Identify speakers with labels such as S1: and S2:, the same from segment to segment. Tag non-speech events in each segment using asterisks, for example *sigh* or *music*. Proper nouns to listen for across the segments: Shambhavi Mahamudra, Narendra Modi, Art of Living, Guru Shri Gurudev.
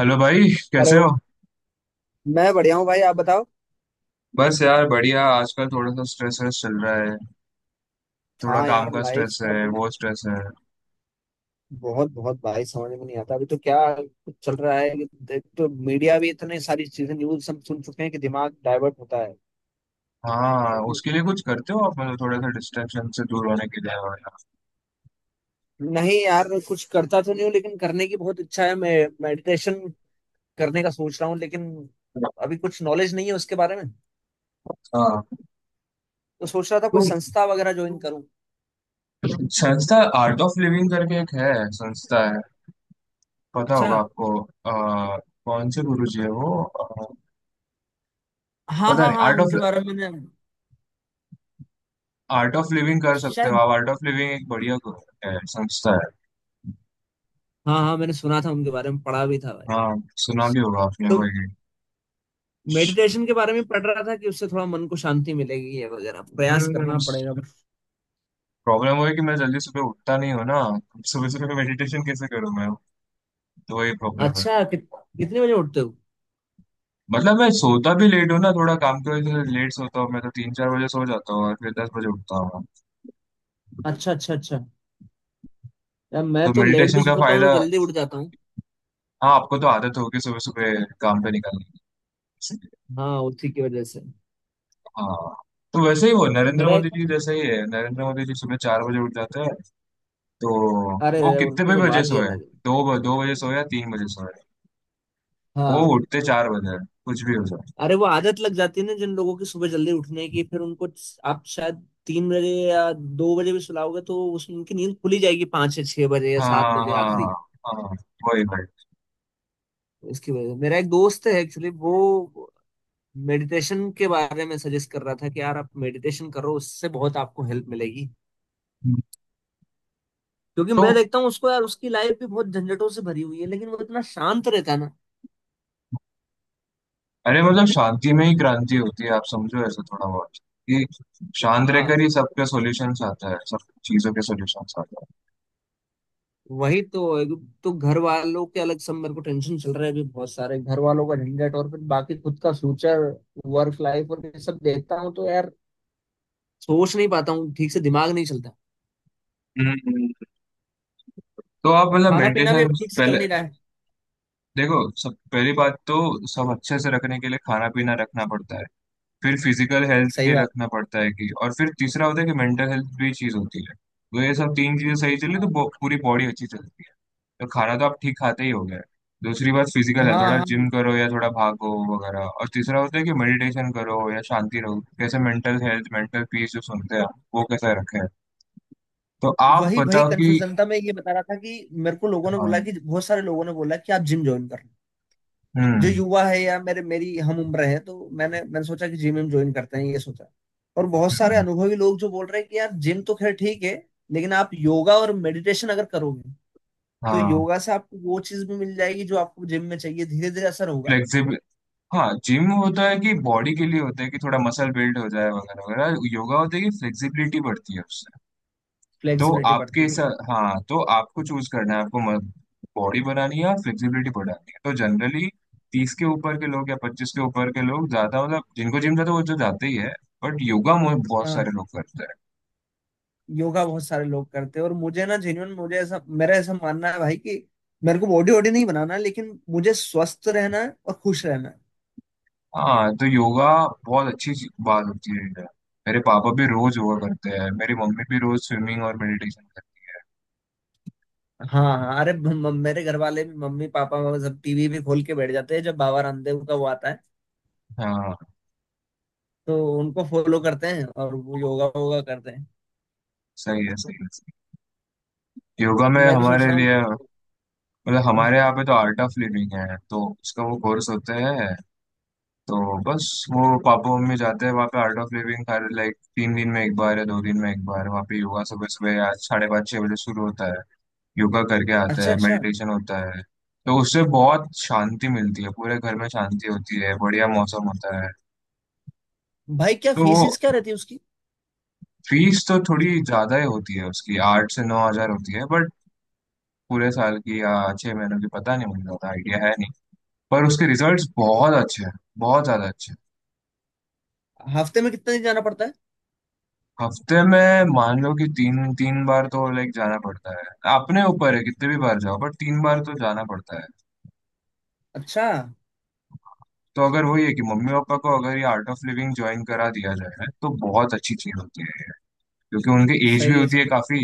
S1: Hello भाई, कैसे
S2: hello.
S1: हो?
S2: मैं बढ़िया हूँ भाई, आप बताओ।
S1: बस यार बढ़िया। आजकल थोड़ा सा स्ट्रेस स्ट्रेस चल रहा है। थोड़ा
S2: हाँ
S1: काम
S2: यार,
S1: का
S2: लाइफ
S1: स्ट्रेस है।
S2: क्या
S1: वो स्ट्रेस है।
S2: बहुत बहुत भाई समझ में नहीं आता, अभी तो क्या कुछ चल रहा है कि देख, तो मीडिया भी इतनी सारी चीजें, न्यूज हम सुन चुके हैं कि दिमाग डाइवर्ट होता है।
S1: हाँ, उसके लिए कुछ करते हो आप? मतलब थोड़ा सा डिस्ट्रैक्शन से दूर होने के लिए वगैरह?
S2: नहीं यार, कुछ करता तो नहीं हूँ लेकिन करने की बहुत इच्छा है। मैं मेडिटेशन करने का सोच रहा हूँ, लेकिन अभी कुछ नॉलेज नहीं है उसके बारे में।
S1: हाँ
S2: तो सोच रहा था कोई
S1: तो
S2: संस्था वगैरह ज्वाइन करूँ।
S1: संस्था, आर्ट ऑफ लिविंग करके एक है, संस्था है, पता
S2: अच्छा।
S1: होगा आपको। आ, कौन से गुरु जी है वो?
S2: हाँ
S1: पता
S2: हाँ
S1: नहीं।
S2: हाँ,
S1: आर्ट ऑफ
S2: उनके बारे में मैंने,
S1: आर्ट ऑफ लिविंग कर सकते हो
S2: शायद।
S1: आप। आर्ट ऑफ लिविंग एक बढ़िया है, संस्था है।
S2: हाँ हाँ, मैंने सुना था उनके बारे में, पढ़ा भी था भाई।
S1: हाँ, सुना भी होगा आपने
S2: तो
S1: वही।
S2: मेडिटेशन के बारे में पढ़ रहा था कि उससे थोड़ा मन को शांति मिलेगी, ये वगैरह प्रयास
S1: हम्म।
S2: करना पड़ेगा।
S1: प्रॉब्लम वो है कि मैं जल्दी सुबह उठता नहीं हूँ ना। सुबह सुबह मेडिटेशन कैसे करूँ मैं? तो वही प्रॉब्लम है।
S2: अच्छा, कितने बजे उठते हो।
S1: मतलब मैं सोता भी लेट हूँ ना, थोड़ा काम की वजह से लेट सोता हूँ मैं। तो 3 4 बजे सो जाता हूँ और फिर 10 बजे उठता हूँ।
S2: अच्छा अच्छा अच्छा। यार मैं
S1: तो
S2: तो लेट भी
S1: मेडिटेशन का
S2: सोता हूँ
S1: फायदा।
S2: तो जल्दी उठ जाता हूँ।
S1: हाँ, आपको तो आदत होगी सुबह सुबह काम पे निकलने की, इसलिए।
S2: हाँ उसी की वजह से।
S1: हाँ तो वैसे ही वो, नरेंद्र
S2: मेरा
S1: मोदी
S2: एक,
S1: जी जैसा ही है। नरेंद्र मोदी जी सुबह 4 बजे उठ जाते हैं तो।
S2: अरे
S1: वो
S2: रे,
S1: कितने
S2: उनकी
S1: भी
S2: तो
S1: बजे
S2: बात ही
S1: सोए,
S2: अलग है।
S1: 2 बजे सोए या 3 बजे सोए, वो
S2: हाँ।
S1: उठते 4 बजे हैं, कुछ भी हो जाए।
S2: अरे वो आदत लग जाती है ना जिन लोगों की सुबह जल्दी उठने की, फिर उनको आप शायद तीन बजे या दो बजे भी सुलाओगे तो उस उनकी नींद खुली जाएगी पाँच या छह बजे या
S1: हाँ
S2: सात बजे
S1: हाँ
S2: आखिरी।
S1: हाँ हाँ, वही भाई।
S2: इसकी वजह से मेरा एक दोस्त है एक्चुअली, वो मेडिटेशन के बारे में सजेस्ट कर रहा था कि यार आप मेडिटेशन करो, उससे बहुत आपको हेल्प मिलेगी। क्योंकि
S1: तो
S2: मैं देखता हूँ उसको, यार उसकी लाइफ भी बहुत झंझटों से भरी हुई है लेकिन वो इतना शांत रहता है ना।
S1: अरे मतलब शांति में ही क्रांति होती है, आप समझो ऐसा थोड़ा बहुत, कि शांत रहकर
S2: हाँ,
S1: ही सबके सॉल्यूशंस आता है, सब चीजों के सॉल्यूशंस आता
S2: वही तो एक। तो घर वालों के अलग सब, मेरे को टेंशन चल रहा है अभी, बहुत सारे घर वालों का झंझट और फिर बाकी खुद का फ्यूचर, वर्क लाइफ और ये सब देखता हूँ तो यार सोच नहीं पाता हूँ ठीक से, दिमाग नहीं चलता।
S1: है। हम्म। तो आप
S2: और
S1: मतलब
S2: खाना पीना भी
S1: मेडिटेशन।
S2: अभी ठीक से
S1: पहले
S2: चल नहीं रहा है।
S1: देखो, सब पहली बात तो, सब अच्छे से रखने के लिए खाना पीना रखना पड़ता है। फिर फिजिकल हेल्थ
S2: सही
S1: के
S2: बात।
S1: रखना पड़ता है कि, और फिर तीसरा होता है कि मेंटल हेल्थ भी चीज होती है। तो ये सब तीन चीजें सही चली तो
S2: हाँ
S1: पूरी बॉडी अच्छी चलती है। तो खाना तो आप ठीक खाते ही हो गए। दूसरी बात फिजिकल है,
S2: हाँ
S1: थोड़ा
S2: हाँ।
S1: जिम करो या थोड़ा भागो वगैरह। और तीसरा होता है कि मेडिटेशन करो या शांति रहो, कैसे मेंटल हेल्थ, मेंटल पीस जो सुनते हैं आप, वो कैसा रखे। तो आप
S2: वही वही
S1: बताओ कि।
S2: कंफ्यूजन था, मैं ये बता रहा था कि मेरे को लोगों ने
S1: हाँ।
S2: बोला कि, बहुत सारे लोगों ने बोला कि आप जिम ज्वाइन कर लो। जो
S1: हम्म।
S2: युवा है या मेरे मेरी हम उम्र है तो मैंने, मैंने सोचा कि जिम ज्वाइन करते हैं, ये सोचा। और बहुत सारे
S1: हम्म,
S2: अनुभवी लोग जो बोल रहे हैं कि यार जिम तो खैर ठीक है, लेकिन आप योगा और मेडिटेशन अगर करोगे तो
S1: हाँ।
S2: योगा से आपको वो चीज भी मिल जाएगी जो आपको जिम में चाहिए, धीरे धीरे असर होगा।
S1: फ्लेक्सिबल। हाँ, जिम होता है कि बॉडी के लिए होता है कि थोड़ा मसल बिल्ड हो जाए वगैरह वगैरह। योगा होता है कि फ्लेक्सिबिलिटी बढ़ती है। तो
S2: फ्लेक्सिबिलिटी
S1: आपके
S2: बढ़ती है।
S1: साथ, हाँ तो आपको चूज करना है। आपको बॉडी बनानी है या फ्लेक्सिबिलिटी बढ़ानी है। तो जनरली तीस के ऊपर के लोग या पच्चीस के ऊपर के लोग ज्यादा मतलब, जिनको जिम जाता है वो तो जाते ही है, बट योगा मुझे बहुत
S2: हाँ।
S1: सारे लोग करते हैं।
S2: योगा बहुत सारे लोग करते हैं। और मुझे ना जेन्युइन, मुझे ऐसा, मेरा ऐसा मानना है भाई कि मेरे को बॉडी वॉडी नहीं बनाना है, लेकिन मुझे स्वस्थ रहना है और खुश रहना है।
S1: हाँ, तो योगा बहुत अच्छी बात होती है योगा। मेरे पापा भी रोज योगा करते हैं, मेरी मम्मी भी रोज स्विमिंग और मेडिटेशन करते
S2: हाँ हाँ, अरे मेरे घर वाले भी, मम्मी पापा वो सब टीवी भी खोल के बैठ जाते हैं जब बाबा रामदेव का वो आता है
S1: हैं। हाँ,
S2: तो उनको फॉलो करते हैं और वो योगा वोगा करते हैं।
S1: सही है, सही है, सही है। योगा में
S2: मैं भी सोच
S1: हमारे
S2: रहा हूँ।
S1: लिए, मतलब हमारे
S2: हम्म।
S1: यहाँ पे तो आर्ट ऑफ लिविंग है तो उसका वो कोर्स होता है। तो बस वो पापा मम्मी जाते हैं वहाँ पे, आर्ट ऑफ लिविंग हर लाइक 3 दिन में 1 बार या 2 दिन में 1 बार। वहाँ पे योगा सुबह सुबह आज साढ़े 5 6 बजे शुरू होता है। योगा करके आते
S2: अच्छा
S1: हैं,
S2: अच्छा।
S1: मेडिटेशन होता है। तो उससे बहुत शांति मिलती है, पूरे घर में शांति होती है, बढ़िया मौसम होता है।
S2: भाई क्या
S1: तो वो
S2: फीस क्या रहती है उसकी।
S1: फीस तो थोड़ी ज्यादा ही होती है उसकी, 8 से 9 हज़ार होती है बट पूरे साल की या 6 महीनों की पता नहीं, मुझे ज्यादा आइडिया है नहीं। पर उसके रिजल्ट्स बहुत अच्छे हैं, बहुत ज्यादा अच्छे हैं।
S2: हफ्ते में कितने दिन जाना पड़ता है।
S1: हफ्ते में मान लो कि तीन तीन बार तो लाइक जाना पड़ता है। अपने ऊपर है, कितने भी बार जाओ, पर 3 बार तो जाना पड़ता है।
S2: अच्छा।
S1: तो अगर वही है कि मम्मी पापा को अगर ये आर्ट ऑफ लिविंग ज्वाइन करा दिया जाए तो बहुत अच्छी चीज होती है ये। क्योंकि उनकी एज भी
S2: सही है
S1: होती है
S2: सही,
S1: काफी,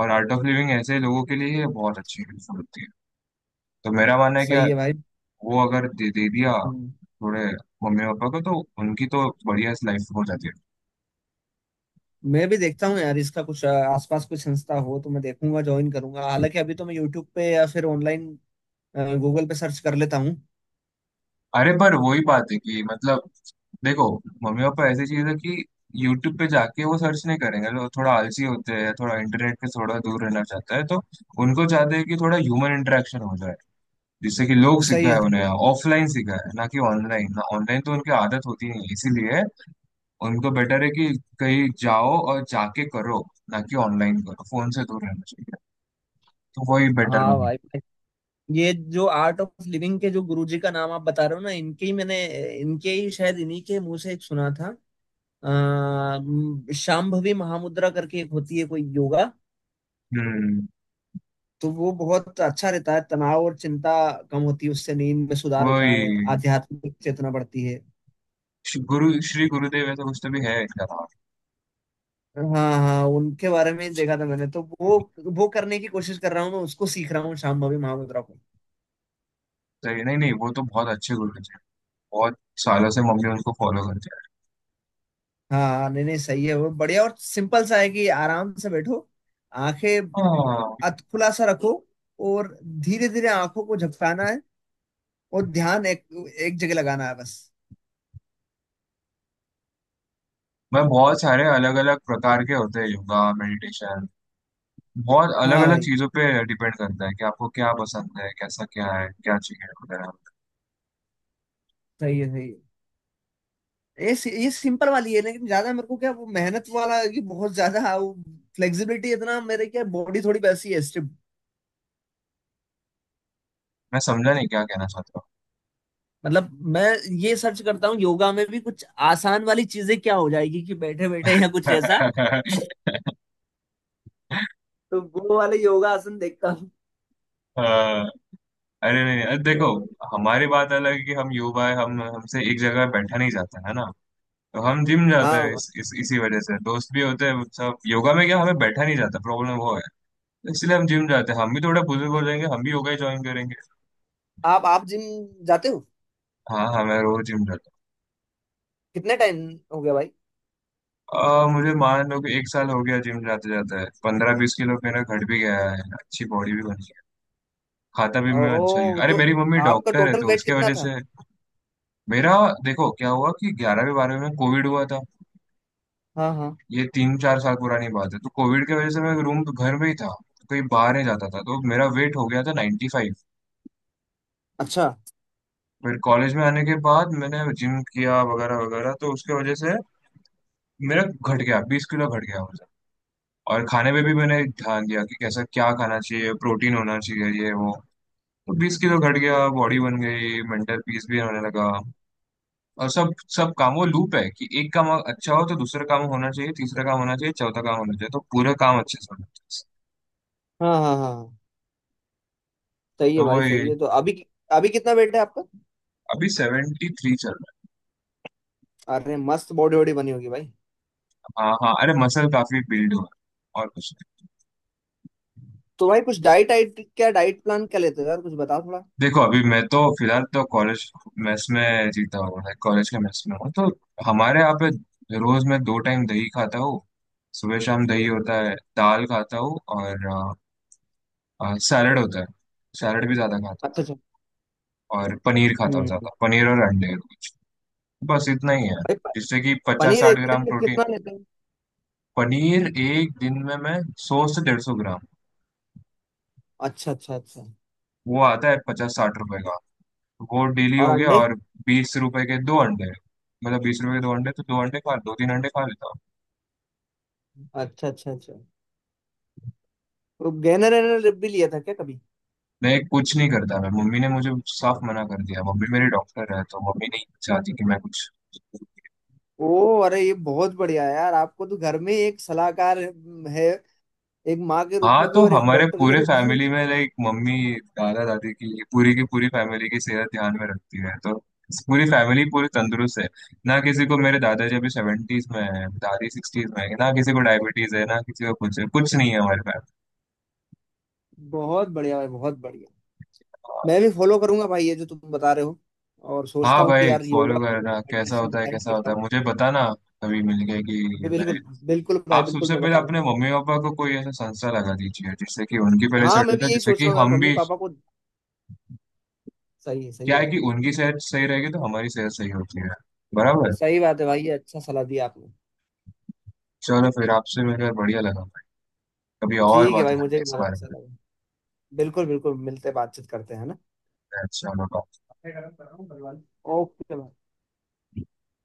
S1: और आर्ट ऑफ लिविंग ऐसे लोगों के लिए ये बहुत अच्छी हेल्पफुल होती है। तो मेरा मानना है
S2: सही
S1: कि
S2: है भाई।
S1: वो अगर दे दिया
S2: हम्म।
S1: थोड़े, मम्मी पापा को, तो उनकी तो बढ़िया लाइफ हो जाती है।
S2: मैं भी देखता हूँ यार इसका कुछ, आसपास कोई संस्था हो तो मैं देखूंगा ज्वाइन करूंगा। हालांकि अभी तो मैं यूट्यूब पे या फिर ऑनलाइन गूगल पे सर्च कर लेता हूँ।
S1: अरे पर वही बात है कि मतलब, देखो, मम्मी पापा ऐसी चीज है कि यूट्यूब पे जाके वो सर्च नहीं करेंगे। लोग थोड़ा आलसी होते हैं, थोड़ा इंटरनेट से थोड़ा दूर रहना चाहता है। तो उनको चाहते हैं कि थोड़ा ह्यूमन इंटरेक्शन हो जाए, जिससे कि लोग
S2: सही है
S1: सिखाए,
S2: सही
S1: उन्हें
S2: है।
S1: ऑफलाइन सिखाए ना कि ऑनलाइन। ना, ऑनलाइन तो उनकी आदत होती नहीं है, इसीलिए उनको बेटर है कि कहीं जाओ और जाके करो, ना कि ऑनलाइन करो। फोन से दूर रहना चाहिए, तो वही बेटर
S2: हाँ
S1: मानी।
S2: भाई भाई। ये जो आर्ट ऑफ लिविंग के जो गुरुजी का नाम आप बता रहे हो ना, इनके ही मैंने, इनके ही शायद, इन्हीं के मुंह से एक सुना था, अः शांभवी महामुद्रा करके एक होती है कोई योगा।
S1: हम्म।
S2: तो वो बहुत अच्छा रहता है, तनाव और चिंता कम होती है उससे, नींद में सुधार होता है,
S1: वही
S2: आध्यात्मिक चेतना बढ़ती है।
S1: गुरु श्री गुरुदेव ऐसा कुछ तो भी है इनका।
S2: हाँ हाँ, उनके बारे में ही देखा था मैंने तो। वो करने की कोशिश कर रहा हूँ मैं, उसको सीख रहा हूँ शाम भवी महामुद्रा को।
S1: सही है। नहीं नहीं, वो तो बहुत अच्छे गुरु जी हैं। बहुत सालों से मम्मी उनको फॉलो करती है।
S2: हाँ हाँ, नहीं नहीं, सही है वो बढ़िया और सिंपल सा है कि आराम से बैठो, आंखें
S1: हाँ,
S2: अध खुला सा रखो, और धीरे धीरे आंखों को झपकाना है और ध्यान एक, एक जगह लगाना है बस।
S1: मैं, बहुत सारे अलग अलग प्रकार के होते हैं योगा मेडिटेशन, बहुत अलग
S2: हाँ
S1: अलग
S2: भाई।
S1: चीजों पे डिपेंड करता है कि आपको क्या पसंद है, कैसा क्या है, क्या चाहिए वगैरह।
S2: सही है सही है। ये ये सिंपल वाली है, लेकिन ज्यादा मेरे को क्या वो मेहनत वाला कि बहुत ज्यादा फ्लेक्सिबिलिटी, इतना मेरे क्या बॉडी थोड़ी वैसी है।
S1: मैं समझा नहीं क्या कहना चाहता हूँ।
S2: मतलब मैं ये सर्च करता हूँ योगा में भी कुछ आसान वाली चीजें क्या हो जाएगी, कि बैठे बैठे या कुछ ऐसा, तो वो वाले योगा आसन देखता हूँ।
S1: *laughs* अ, अरे नहीं, अरे
S2: अ,
S1: देखो, हमारी बात अलग है कि हम युवा है, हम, हमसे एक जगह बैठा नहीं जाता है ना। तो हम जिम जाते हैं
S2: हाँ
S1: इसी वजह से। दोस्त भी होते हैं सब, योगा में क्या हमें बैठा नहीं जाता, प्रॉब्लम वो, इसलिए हम जिम जाते हैं। हम भी थोड़े बुजुर्ग हो जाएंगे, हम भी योगा ज्वाइन करेंगे।
S2: आप जिम जाते हो
S1: हाँ हाँ, मैं रोज जिम जाता
S2: कितने टाइम हो गया भाई।
S1: हूँ। मुझे मान लो कि 1 साल हो गया जिम जाते जाता है। 15 20 किलो मेरा घट भी गया है, अच्छी बॉडी भी बनी है। खाता भी मैं अच्छा ही,
S2: ओ
S1: अरे
S2: तो
S1: मेरी मम्मी
S2: आपका
S1: डॉक्टर है
S2: टोटल
S1: तो
S2: वेट
S1: उसके
S2: कितना
S1: वजह
S2: था।
S1: से। मेरा, देखो क्या हुआ कि ग्यारहवीं बारहवीं में कोविड हुआ था,
S2: हाँ हाँ।
S1: ये 3 4 साल पुरानी बात है। तो कोविड की वजह से मैं रूम, घर में ही था, कहीं बाहर नहीं जाता था, तो मेरा वेट हो गया था 95 फाइव।
S2: अच्छा।
S1: फिर कॉलेज में आने के बाद मैंने जिम किया वगैरह वगैरह तो उसके वजह से मेरा घट गया, 20 किलो घट गया वजन। और खाने पे भी मैंने ध्यान दिया कि कैसा क्या खाना चाहिए, प्रोटीन होना चाहिए ये वो। तो 20 किलो घट गया, बॉडी बन गई, मेंटल पीस भी होने लगा। और सब सब काम, वो लूप है कि एक काम अच्छा हो तो दूसरा काम होना चाहिए, तीसरा काम होना चाहिए, चौथा काम होना चाहिए, तो पूरा काम अच्छे से होना चाहिए।
S2: हाँ हाँ हाँ हाँ, सही है
S1: तो
S2: भाई
S1: वही,
S2: सही है। तो अभी अभी कितना वेट है आपका।
S1: अभी 73 चल रहा
S2: अरे मस्त बॉडी वॉडी बनी होगी भाई।
S1: है। हाँ हाँ, अरे मसल काफी बिल्ड हुआ है और कुछ।
S2: तो भाई कुछ डाइट आइट क्या, डाइट प्लान क्या लेते हो यार, कुछ बताओ थोड़ा।
S1: देखो अभी मैं तो फिलहाल तो कॉलेज मेस में जीता हूँ, लाइक कॉलेज के मेस में हूँ। तो हमारे यहाँ पे रोज मैं दो टाइम दही खाता हूँ। सुबह शाम दही होता है, दाल खाता हूँ, और आ, आ, सैलड होता है। सैलड भी ज्यादा खाता
S2: अच्छा अच्छा।
S1: हूँ, और पनीर खाता हूँ,
S2: हम्म।
S1: ज्यादा पनीर और अंडे। बस इतना ही है,
S2: भाई
S1: जिससे कि पचास
S2: पनीर
S1: साठ
S2: एक
S1: ग्राम
S2: दिन में
S1: प्रोटीन।
S2: कितना लेते हो।
S1: पनीर एक दिन में मैं 100 से 150 ग्राम।
S2: अच्छा अच्छा अच्छा।
S1: वो आता है 50 60 रुपए का। वो डेली
S2: और
S1: हो गया,
S2: अंडे।
S1: और 20 रुपए के 2 अंडे। मतलब 20 रुपए के 2 अंडे, तो 2 अंडे खा, 2 3 अंडे खा लेता हूँ।
S2: अच्छा अच्छा अच्छा। वो गहना रहना रिप भी लिया था क्या कभी।
S1: मैं कुछ नहीं करता, मैं, मम्मी ने मुझे साफ मना कर दिया। मम्मी मेरी डॉक्टर है तो मम्मी नहीं चाहती कि मैं कुछ।
S2: ओ अरे ये बहुत बढ़िया है यार, आपको तो घर में एक सलाहकार है, एक माँ के रूप
S1: हाँ,
S2: में भी
S1: तो
S2: और एक
S1: हमारे
S2: डॉक्टर के
S1: पूरे
S2: रूप में भी।
S1: फैमिली में लाइक मम्मी दादा दादी की पूरी फैमिली की सेहत ध्यान में रखती है, तो पूरी फैमिली पूरी तंदुरुस्त है। ना किसी को, मेरे दादाजी अभी सेवेंटीज में है, दादी सिक्सटीज में है, ना किसी को डायबिटीज है, ना किसी को कुछ है, कुछ नहीं है हमारे
S2: बहुत बढ़िया है बहुत बढ़िया। मैं
S1: फैमिली।
S2: भी फॉलो करूंगा भाई ये जो तुम बता रहे हो। और सोचता
S1: हाँ
S2: हूँ कि
S1: भाई,
S2: यार
S1: फॉलो
S2: योगा करूँ,
S1: करना
S2: मेडिटेशन डिसाइड
S1: कैसा
S2: करता
S1: होता है
S2: हूँ।
S1: मुझे बताना, कभी मिल गए कि। मेरे,
S2: बिल्कुल। बिल्कुल भाई
S1: आप
S2: बिल्कुल,
S1: सबसे
S2: मैं
S1: पहले अपने
S2: बताऊंगा।
S1: मम्मी पापा को कोई ऐसा संस्था लगा दीजिए, जिससे कि उनकी पहले
S2: हाँ
S1: सेट हो
S2: मैं भी
S1: जाए,
S2: यही
S1: जिससे
S2: सोच
S1: कि
S2: रहा हूँ यार,
S1: हम
S2: मम्मी
S1: भी।
S2: पापा को। सही
S1: क्या
S2: है
S1: है
S2: भाई।
S1: कि उनकी सेहत सही रहेगी तो हमारी सेहत सही होती है, बराबर।
S2: सही बात है भाई, ये अच्छा सलाह दिया आपने।
S1: चलो फिर आपसे मिलकर बढ़िया लगा भाई, कभी और
S2: ठीक है
S1: बात
S2: भाई,
S1: करते
S2: मुझे
S1: हैं
S2: भी
S1: इस
S2: बहुत
S1: बारे
S2: अच्छा
S1: में।
S2: लगा। बिल्कुल बिल्कुल, मिलते बातचीत करते हैं है ना।
S1: चलो bye।
S2: ओके।